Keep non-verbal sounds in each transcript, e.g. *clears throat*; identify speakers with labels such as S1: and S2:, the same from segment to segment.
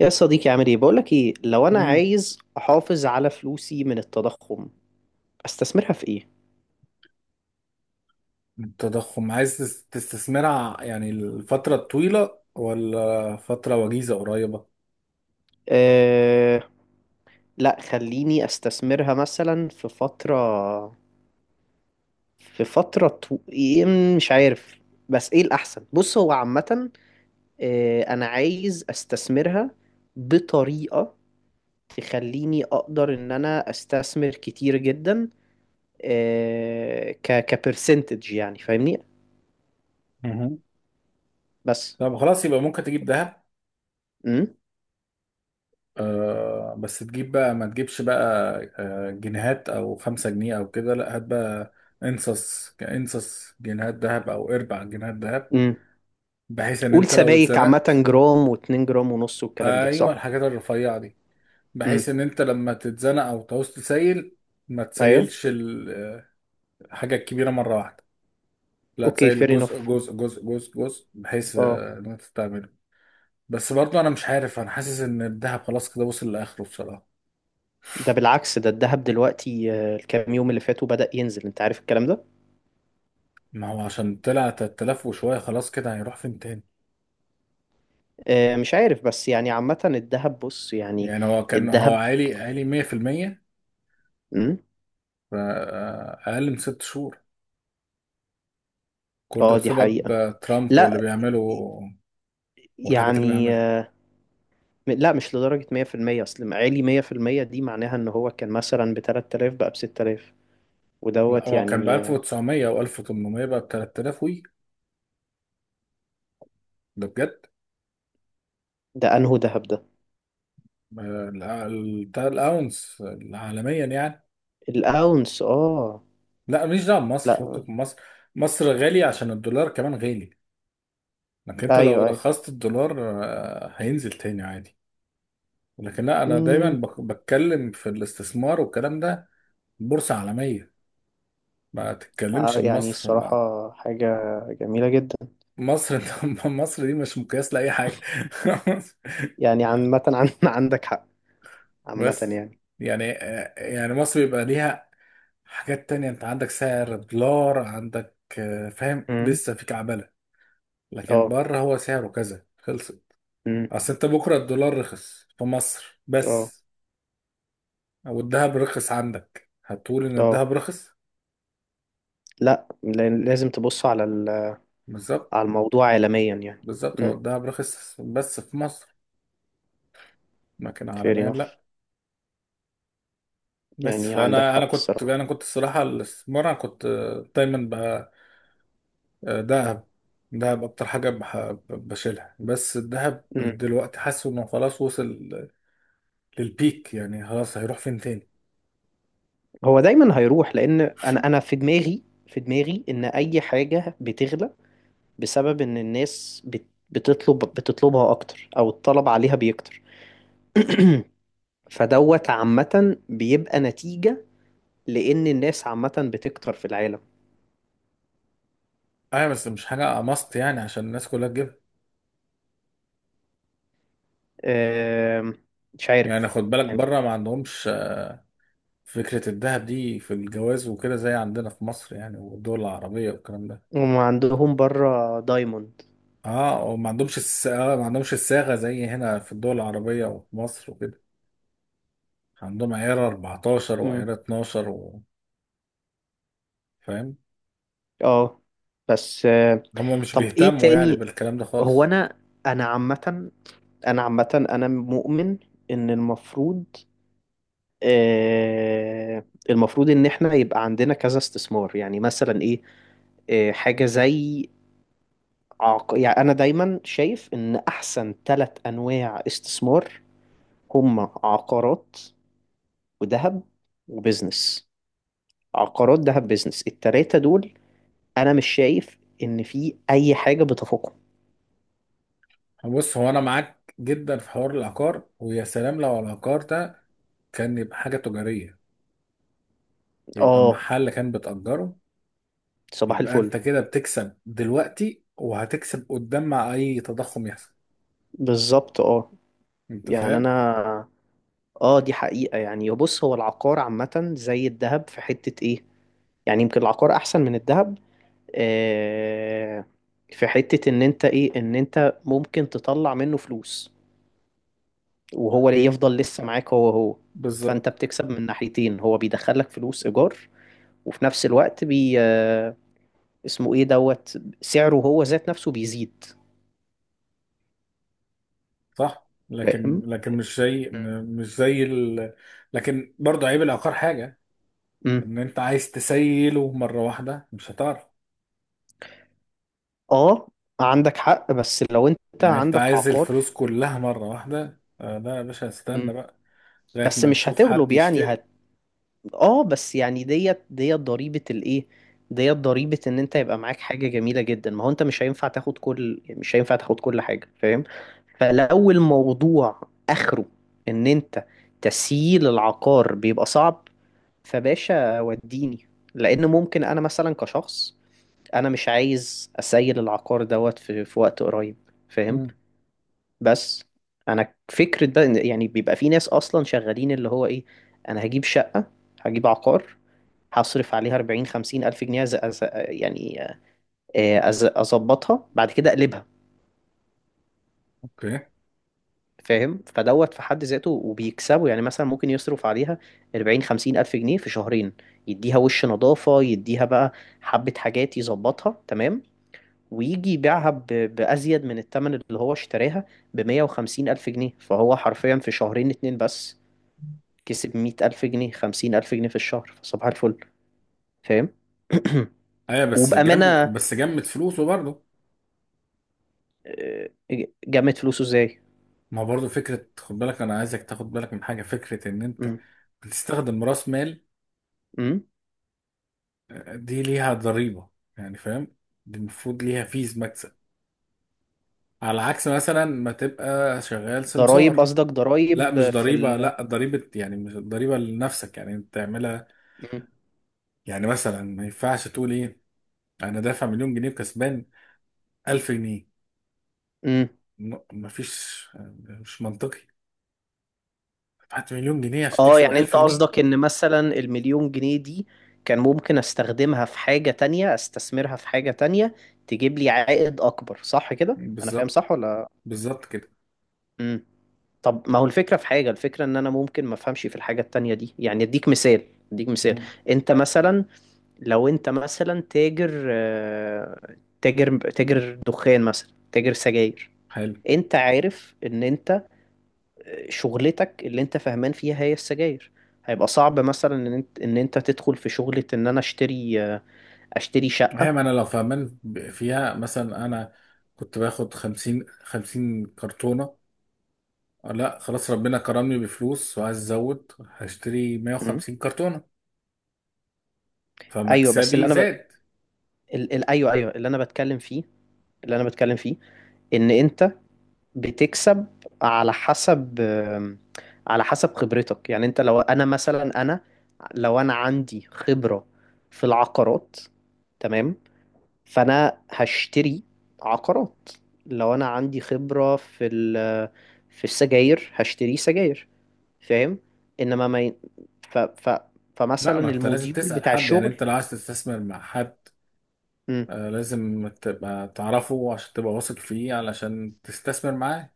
S1: يا صديقي عامل ايه؟ بقولك ايه. لو انا
S2: مم.
S1: عايز احافظ على فلوسي من التضخم، استثمرها في ايه؟
S2: التضخم عايز تستثمرها، يعني الفترة الطويلة ولا فترة وجيزة قريبة؟
S1: أه... لا، خليني استثمرها مثلا في فترة، إيه، مش عارف. بس ايه الاحسن؟ بص، هو عامة انا عايز استثمرها بطريقة تخليني اقدر ان انا استثمر كتير جدا، كبرسنتج، يعني فاهمني؟
S2: مهم.
S1: بس
S2: طب خلاص، يبقى ممكن تجيب ذهب. آه، بس تجيب بقى ما تجيبش بقى، آه، جنيهات او خمسة جنيه او كده، لا هات بقى انصص جنيهات ذهب او اربع جنيهات ذهب،
S1: امم
S2: بحيث ان
S1: قول.
S2: انت لو
S1: سبايك عامة
S2: اتزنقت.
S1: جرام واتنين جرام ونص والكلام ده
S2: ايوه،
S1: صح؟
S2: الحاجات الرفيعة دي،
S1: امم
S2: بحيث ان انت لما تتزنق او تعوز تسيل، ما
S1: ايوه
S2: تسيلش الحاجة الكبيرة مرة واحدة. لا،
S1: اوكي،
S2: تسيل
S1: فير
S2: جزء
S1: انف.
S2: جزء جزء جزء جزء، بحيث
S1: اه.
S2: ان انت تعمله. بس برضه انا مش عارف، انا حاسس ان الذهب خلاص كده وصل لاخره بصراحه.
S1: ده بالعكس، ده الذهب دلوقتي، الكام يوم اللي فاتوا بدأ ينزل، انت عارف الكلام ده؟
S2: ما هو عشان طلع 3000 وشويه، خلاص كده هيروح فين تاني؟
S1: مش عارف، بس يعني عامة الذهب، بص يعني.
S2: يعني هو كان،
S1: الذهب.
S2: عالي عالي 100%،
S1: امم
S2: اقل من ست شهور. كل ده
S1: اه، دي
S2: بسبب
S1: حقيقة.
S2: ترامب واللي
S1: لا،
S2: بيعمله والحاجات اللي
S1: يعني
S2: بيعملها.
S1: لا، مش لدرجة 100%. اصل عالي 100% دي معناها ان هو كان مثلا ب 3000 بقى ب 6000
S2: لا،
S1: ودوت،
S2: هو كان ب
S1: يعني
S2: 1900 او 1800، بقى ب 3000 وي. ده بجد.
S1: ده انهو ذهب ده؟
S2: الاونس عالميا يعني.
S1: الاونس، اه.
S2: لا ماليش دعوه بمصر،
S1: لا.
S2: فكك من مصر. مصر غالي عشان الدولار كمان غالي. لكن انت لو
S1: ايوه،
S2: رخصت الدولار هينزل تاني عادي. لكن لا، انا دايما
S1: ايوه.
S2: بتكلم في الاستثمار والكلام ده، بورصه عالميه. ما تتكلمش
S1: يعني
S2: بمصر، ما
S1: الصراحة حاجة جميلة جدا.
S2: مصر *laughs* مصر دي مش مقياس لاي حاجه. *laughs*
S1: يعني عامة عن *laughs* عندك حق. عامة
S2: بس
S1: يعني.
S2: يعني، مصر بيبقى ليها حاجات تانية. انت عندك سعر دولار، عندك فاهم
S1: امم
S2: لسه في كعبله. لكن
S1: اه.
S2: بره هو سعره كذا خلص.
S1: امم
S2: اصل انت بكره الدولار رخص في مصر
S1: اه.
S2: بس، والذهب رخص عندك، هتقول ان
S1: اه.
S2: الذهب رخص.
S1: لا، لازم تبص على
S2: بالظبط.
S1: على الموضوع عالميا يعني.
S2: بالظبط، هو
S1: امم
S2: الذهب رخص بس في مصر، لكن
S1: fair
S2: عالميا
S1: enough.
S2: لا. بس،
S1: يعني عندك
S2: فانا انا
S1: حق
S2: كنت
S1: الصراحة.
S2: انا كنت الصراحه، الاستثمار انا كنت دايما بقى ذهب. دهب اكتر حاجه بشيلها، بس الذهب
S1: امم
S2: دلوقتي حاسه انه خلاص وصل للبيك. يعني خلاص هيروح فين تاني؟
S1: هو دايما هيروح، لأن أنا في دماغي إن أي حاجة بتغلى بسبب إن الناس بتطلب بتطلبها أكتر، أو الطلب عليها بيكتر. *clears throat* فدوت عامة بيبقى نتيجة، لأن الناس عامة بتكتر في العالم.
S2: ايوه بس مش حاجه ماست يعني عشان الناس كلها تجيبها.
S1: آم، مش عارف
S2: يعني خد بالك،
S1: يعني.
S2: بره ما عندهمش فكرة الذهب دي في الجواز وكده زي عندنا في مصر يعني، والدول العربية والكلام ده.
S1: هم عندهم بره دايموند.
S2: اه، وما عندهمش الس... آه ما عندهمش الصاغة زي هنا في الدول العربية وفي مصر وكده، عندهم عيار 14
S1: مم.
S2: وعيار 12 و... فاهم،
S1: اه، بس
S2: هما مش
S1: طب ايه
S2: بيهتموا يعني
S1: تاني؟
S2: بالكلام ده
S1: هو
S2: خالص.
S1: انا عامة، انا مؤمن ان المفروض، آه المفروض ان احنا يبقى عندنا كذا استثمار. يعني مثلا ايه؟ آه، حاجة زي، يعني انا دايما شايف ان احسن ثلاث انواع استثمار هما عقارات وذهب وبزنس. عقارات، ذهب، بزنس، التلاتة دول انا مش شايف ان في اي حاجة بتفوقهم.
S2: بص، هو انا معاك جدا في حوار العقار، ويا سلام لو العقار ده كان يبقى حاجة تجارية، يبقى
S1: اه.
S2: محل كان بتأجره،
S1: صباح
S2: يبقى انت
S1: الفل.
S2: كده بتكسب دلوقتي، وهتكسب قدام مع اي تضخم يحصل.
S1: بالظبط، اه.
S2: انت
S1: يعني
S2: فاهم؟
S1: انا، اه، دي حقيقة يعني. بص، هو العقار عامة زي الذهب في حتة ايه. يعني يمكن العقار احسن من الذهب، آه، في حتة ان انت ايه، ان انت ممكن تطلع منه فلوس، وهو اللي يفضل لسه معاك هو هو. فانت
S2: بالظبط.
S1: بتكسب من ناحيتين، هو بيدخلك فلوس ايجار، وفي نفس الوقت بي آه، اسمه ايه، دوت سعره هو ذات نفسه بيزيد.
S2: صح، لكن
S1: فاهم.
S2: لكن مش زي ال... لكن برضه عيب العقار حاجة،
S1: امم
S2: ان انت عايز تسيله مرة واحدة مش هتعرف.
S1: اه، عندك حق. بس لو انت
S2: يعني انت
S1: عندك
S2: عايز
S1: عقار،
S2: الفلوس كلها مرة واحدة، لا يا باشا استنى
S1: امم
S2: بقى، لغاية
S1: بس
S2: ما
S1: مش
S2: نشوف حد
S1: هتغلب، يعني
S2: يشتري.
S1: هت. اه بس يعني، ديت ضريبة الايه، ديت ضريبة ان انت يبقى معاك حاجة جميلة جدا. ما هو انت مش هينفع تاخد كل، يعني مش هينفع تاخد كل حاجة. فاهم. فلو الموضوع اخره ان انت تسييل العقار بيبقى صعب، فباشا وديني، لان ممكن انا مثلا كشخص انا مش عايز اسيل العقار دوت في وقت قريب. فاهم.
S2: مم.
S1: بس انا فكرة بقى، يعني بيبقى في ناس اصلا شغالين اللي هو ايه، انا هجيب شقة، هجيب عقار، هصرف عليها 40 50 الف جنيه، يعني اظبطها بعد كده اقلبها.
S2: اوكي.
S1: فاهم. فدوت في حد ذاته وبيكسبوا. يعني مثلا ممكن يصرف عليها 40 50 ألف جنيه في شهرين، يديها وش نظافة، يديها بقى حبة حاجات يظبطها تمام، ويجي يبيعها بأزيد من الثمن اللي هو اشتراها، ب 150 ألف جنيه. فهو حرفيا في شهرين اتنين بس كسب 100 ألف جنيه، 50 ألف جنيه في الشهر. فصباح الفل. فاهم.
S2: ايوه
S1: *clears throat*
S2: بس
S1: وبأمانة،
S2: جم بس جمد فلوسه برضه.
S1: آه، جمعت فلوسه ازاي؟
S2: ما هو برضه فكرة، خد بالك انا عايزك تاخد بالك من حاجة، فكرة ان انت
S1: مم.
S2: بتستخدم راس مال،
S1: مم.
S2: دي ليها ضريبة، يعني فاهم. دي المفروض ليها فيز مكسب، على عكس مثلا ما تبقى شغال سمسار.
S1: ضرايب، قصدك
S2: لا،
S1: ضرايب
S2: مش
S1: في
S2: ضريبة،
S1: ال؟
S2: لا ضريبة يعني مش ضريبة لنفسك، يعني انت تعملها.
S1: مم.
S2: يعني مثلا ما ينفعش تقول ايه، انا دافع مليون جنيه وكسبان 1000 جنيه،
S1: مم.
S2: مفيش، مش منطقي. دفعت مليون جنيه عشان
S1: اه،
S2: تكسب
S1: يعني انت
S2: 1000 جنيه؟
S1: قصدك ان مثلا المليون جنيه دي كان ممكن استخدمها في حاجة تانية، استثمرها في حاجة تانية تجيب لي عائد اكبر. صح كده، انا فاهم
S2: بالظبط،
S1: صح ولا؟
S2: بالظبط كده.
S1: امم طب ما هو الفكرة في حاجة. الفكرة ان انا ممكن ما افهمش في الحاجة التانية دي. يعني اديك مثال، اديك مثال.
S2: مم.
S1: انت مثلا، لو انت مثلا تاجر، تاجر دخان، مثلا تاجر سجاير،
S2: حلو.
S1: انت عارف ان انت شغلتك اللي انت فاهمان فيها هي السجاير. هيبقى صعب مثلا ان انت، تدخل في شغلة ان انا اشتري، اشتري
S2: هي
S1: شقة.
S2: ما انا لو فاهمان فيها، مثلا انا كنت باخد 50 50 كرتونة، لا خلاص ربنا كرمني بفلوس وعايز ازود، هشتري
S1: مم.
S2: 150 كرتونة،
S1: ايوه بس اللي
S2: فمكسبي
S1: انا
S2: زاد.
S1: ايوه ايوه، اللي انا بتكلم فيه، اللي انا بتكلم فيه ان انت بتكسب على حسب، على حسب خبرتك. يعني انت لو انا مثلا، لو انا عندي خبرة في العقارات، تمام، فانا هشتري عقارات. لو انا عندي خبرة في في السجاير، هشتري سجاير. فاهم. انما ما ي... ف... ف...
S2: لا،
S1: فمثلا
S2: ما انت لازم
S1: الموديول
S2: تسأل
S1: بتاع
S2: حد يعني،
S1: الشغل.
S2: انت لو عايز تستثمر مع حد
S1: مم.
S2: لازم تبقى تعرفه عشان تبقى واثق فيه علشان تستثمر معاه.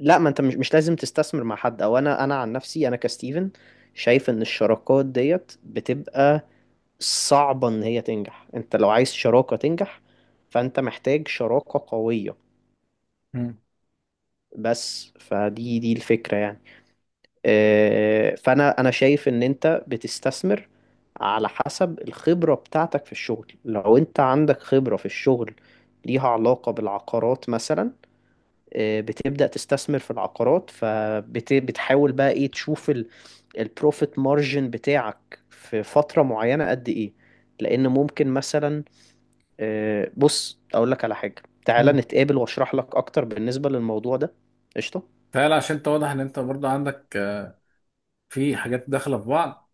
S1: لا، ما انت مش لازم تستثمر مع حد. او انا، انا عن نفسي انا كستيفن شايف ان الشراكات ديت بتبقى صعبة ان هي تنجح. انت لو عايز شراكة تنجح فانت محتاج شراكة قوية
S2: مم.
S1: بس. فدي دي الفكرة يعني. فانا انا شايف ان انت بتستثمر على حسب الخبرة بتاعتك في الشغل. لو انت عندك خبرة في الشغل ليها علاقة بالعقارات مثلا، آه، بتبدأ تستثمر في العقارات. فبتحاول بقى ايه، تشوف البروفيت مارجن بتاعك في فترة معينة قد ايه. لان ممكن مثلا، بص اقول لك على حاجة، تعالى
S2: مم.
S1: نتقابل واشرح لك اكتر بالنسبة للموضوع ده. قشطة.
S2: فعلا، عشان انت واضح ان انت برضه عندك في حاجات داخلة في بعض.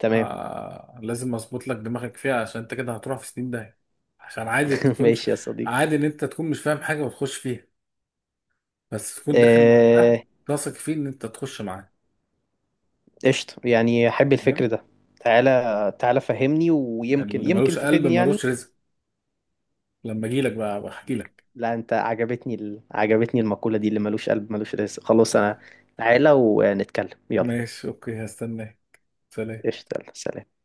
S1: تمام.
S2: لازم اظبط لك دماغك فيها، عشان انت كده هتروح في سنين داهية. عشان عادي
S1: *laughs*
S2: تكونش
S1: ماشي يا صديقي.
S2: عادي ان انت تكون مش فاهم حاجة وتخش فيها، بس تكون داخل مع حد
S1: آه،
S2: واثق فيه ان انت تخش معاه.
S1: قشطة، يعني أحب الفكر
S2: فاهم؟
S1: ده. تعالى تعالى فهمني، ويمكن
S2: اللي
S1: يمكن
S2: ملوش قلب
S1: تفيدني يعني.
S2: ملوش رزق، لما اجي لك بقى بحكي لك.
S1: لا، أنت عجبتني، عجبتني المقولة دي، اللي ملوش قلب ملوش رزق. خلاص
S2: آه،
S1: أنا، تعالى ونتكلم يلا.
S2: ماشي، اوكي، هستناك. سلام.
S1: قشطة، يلا سلام.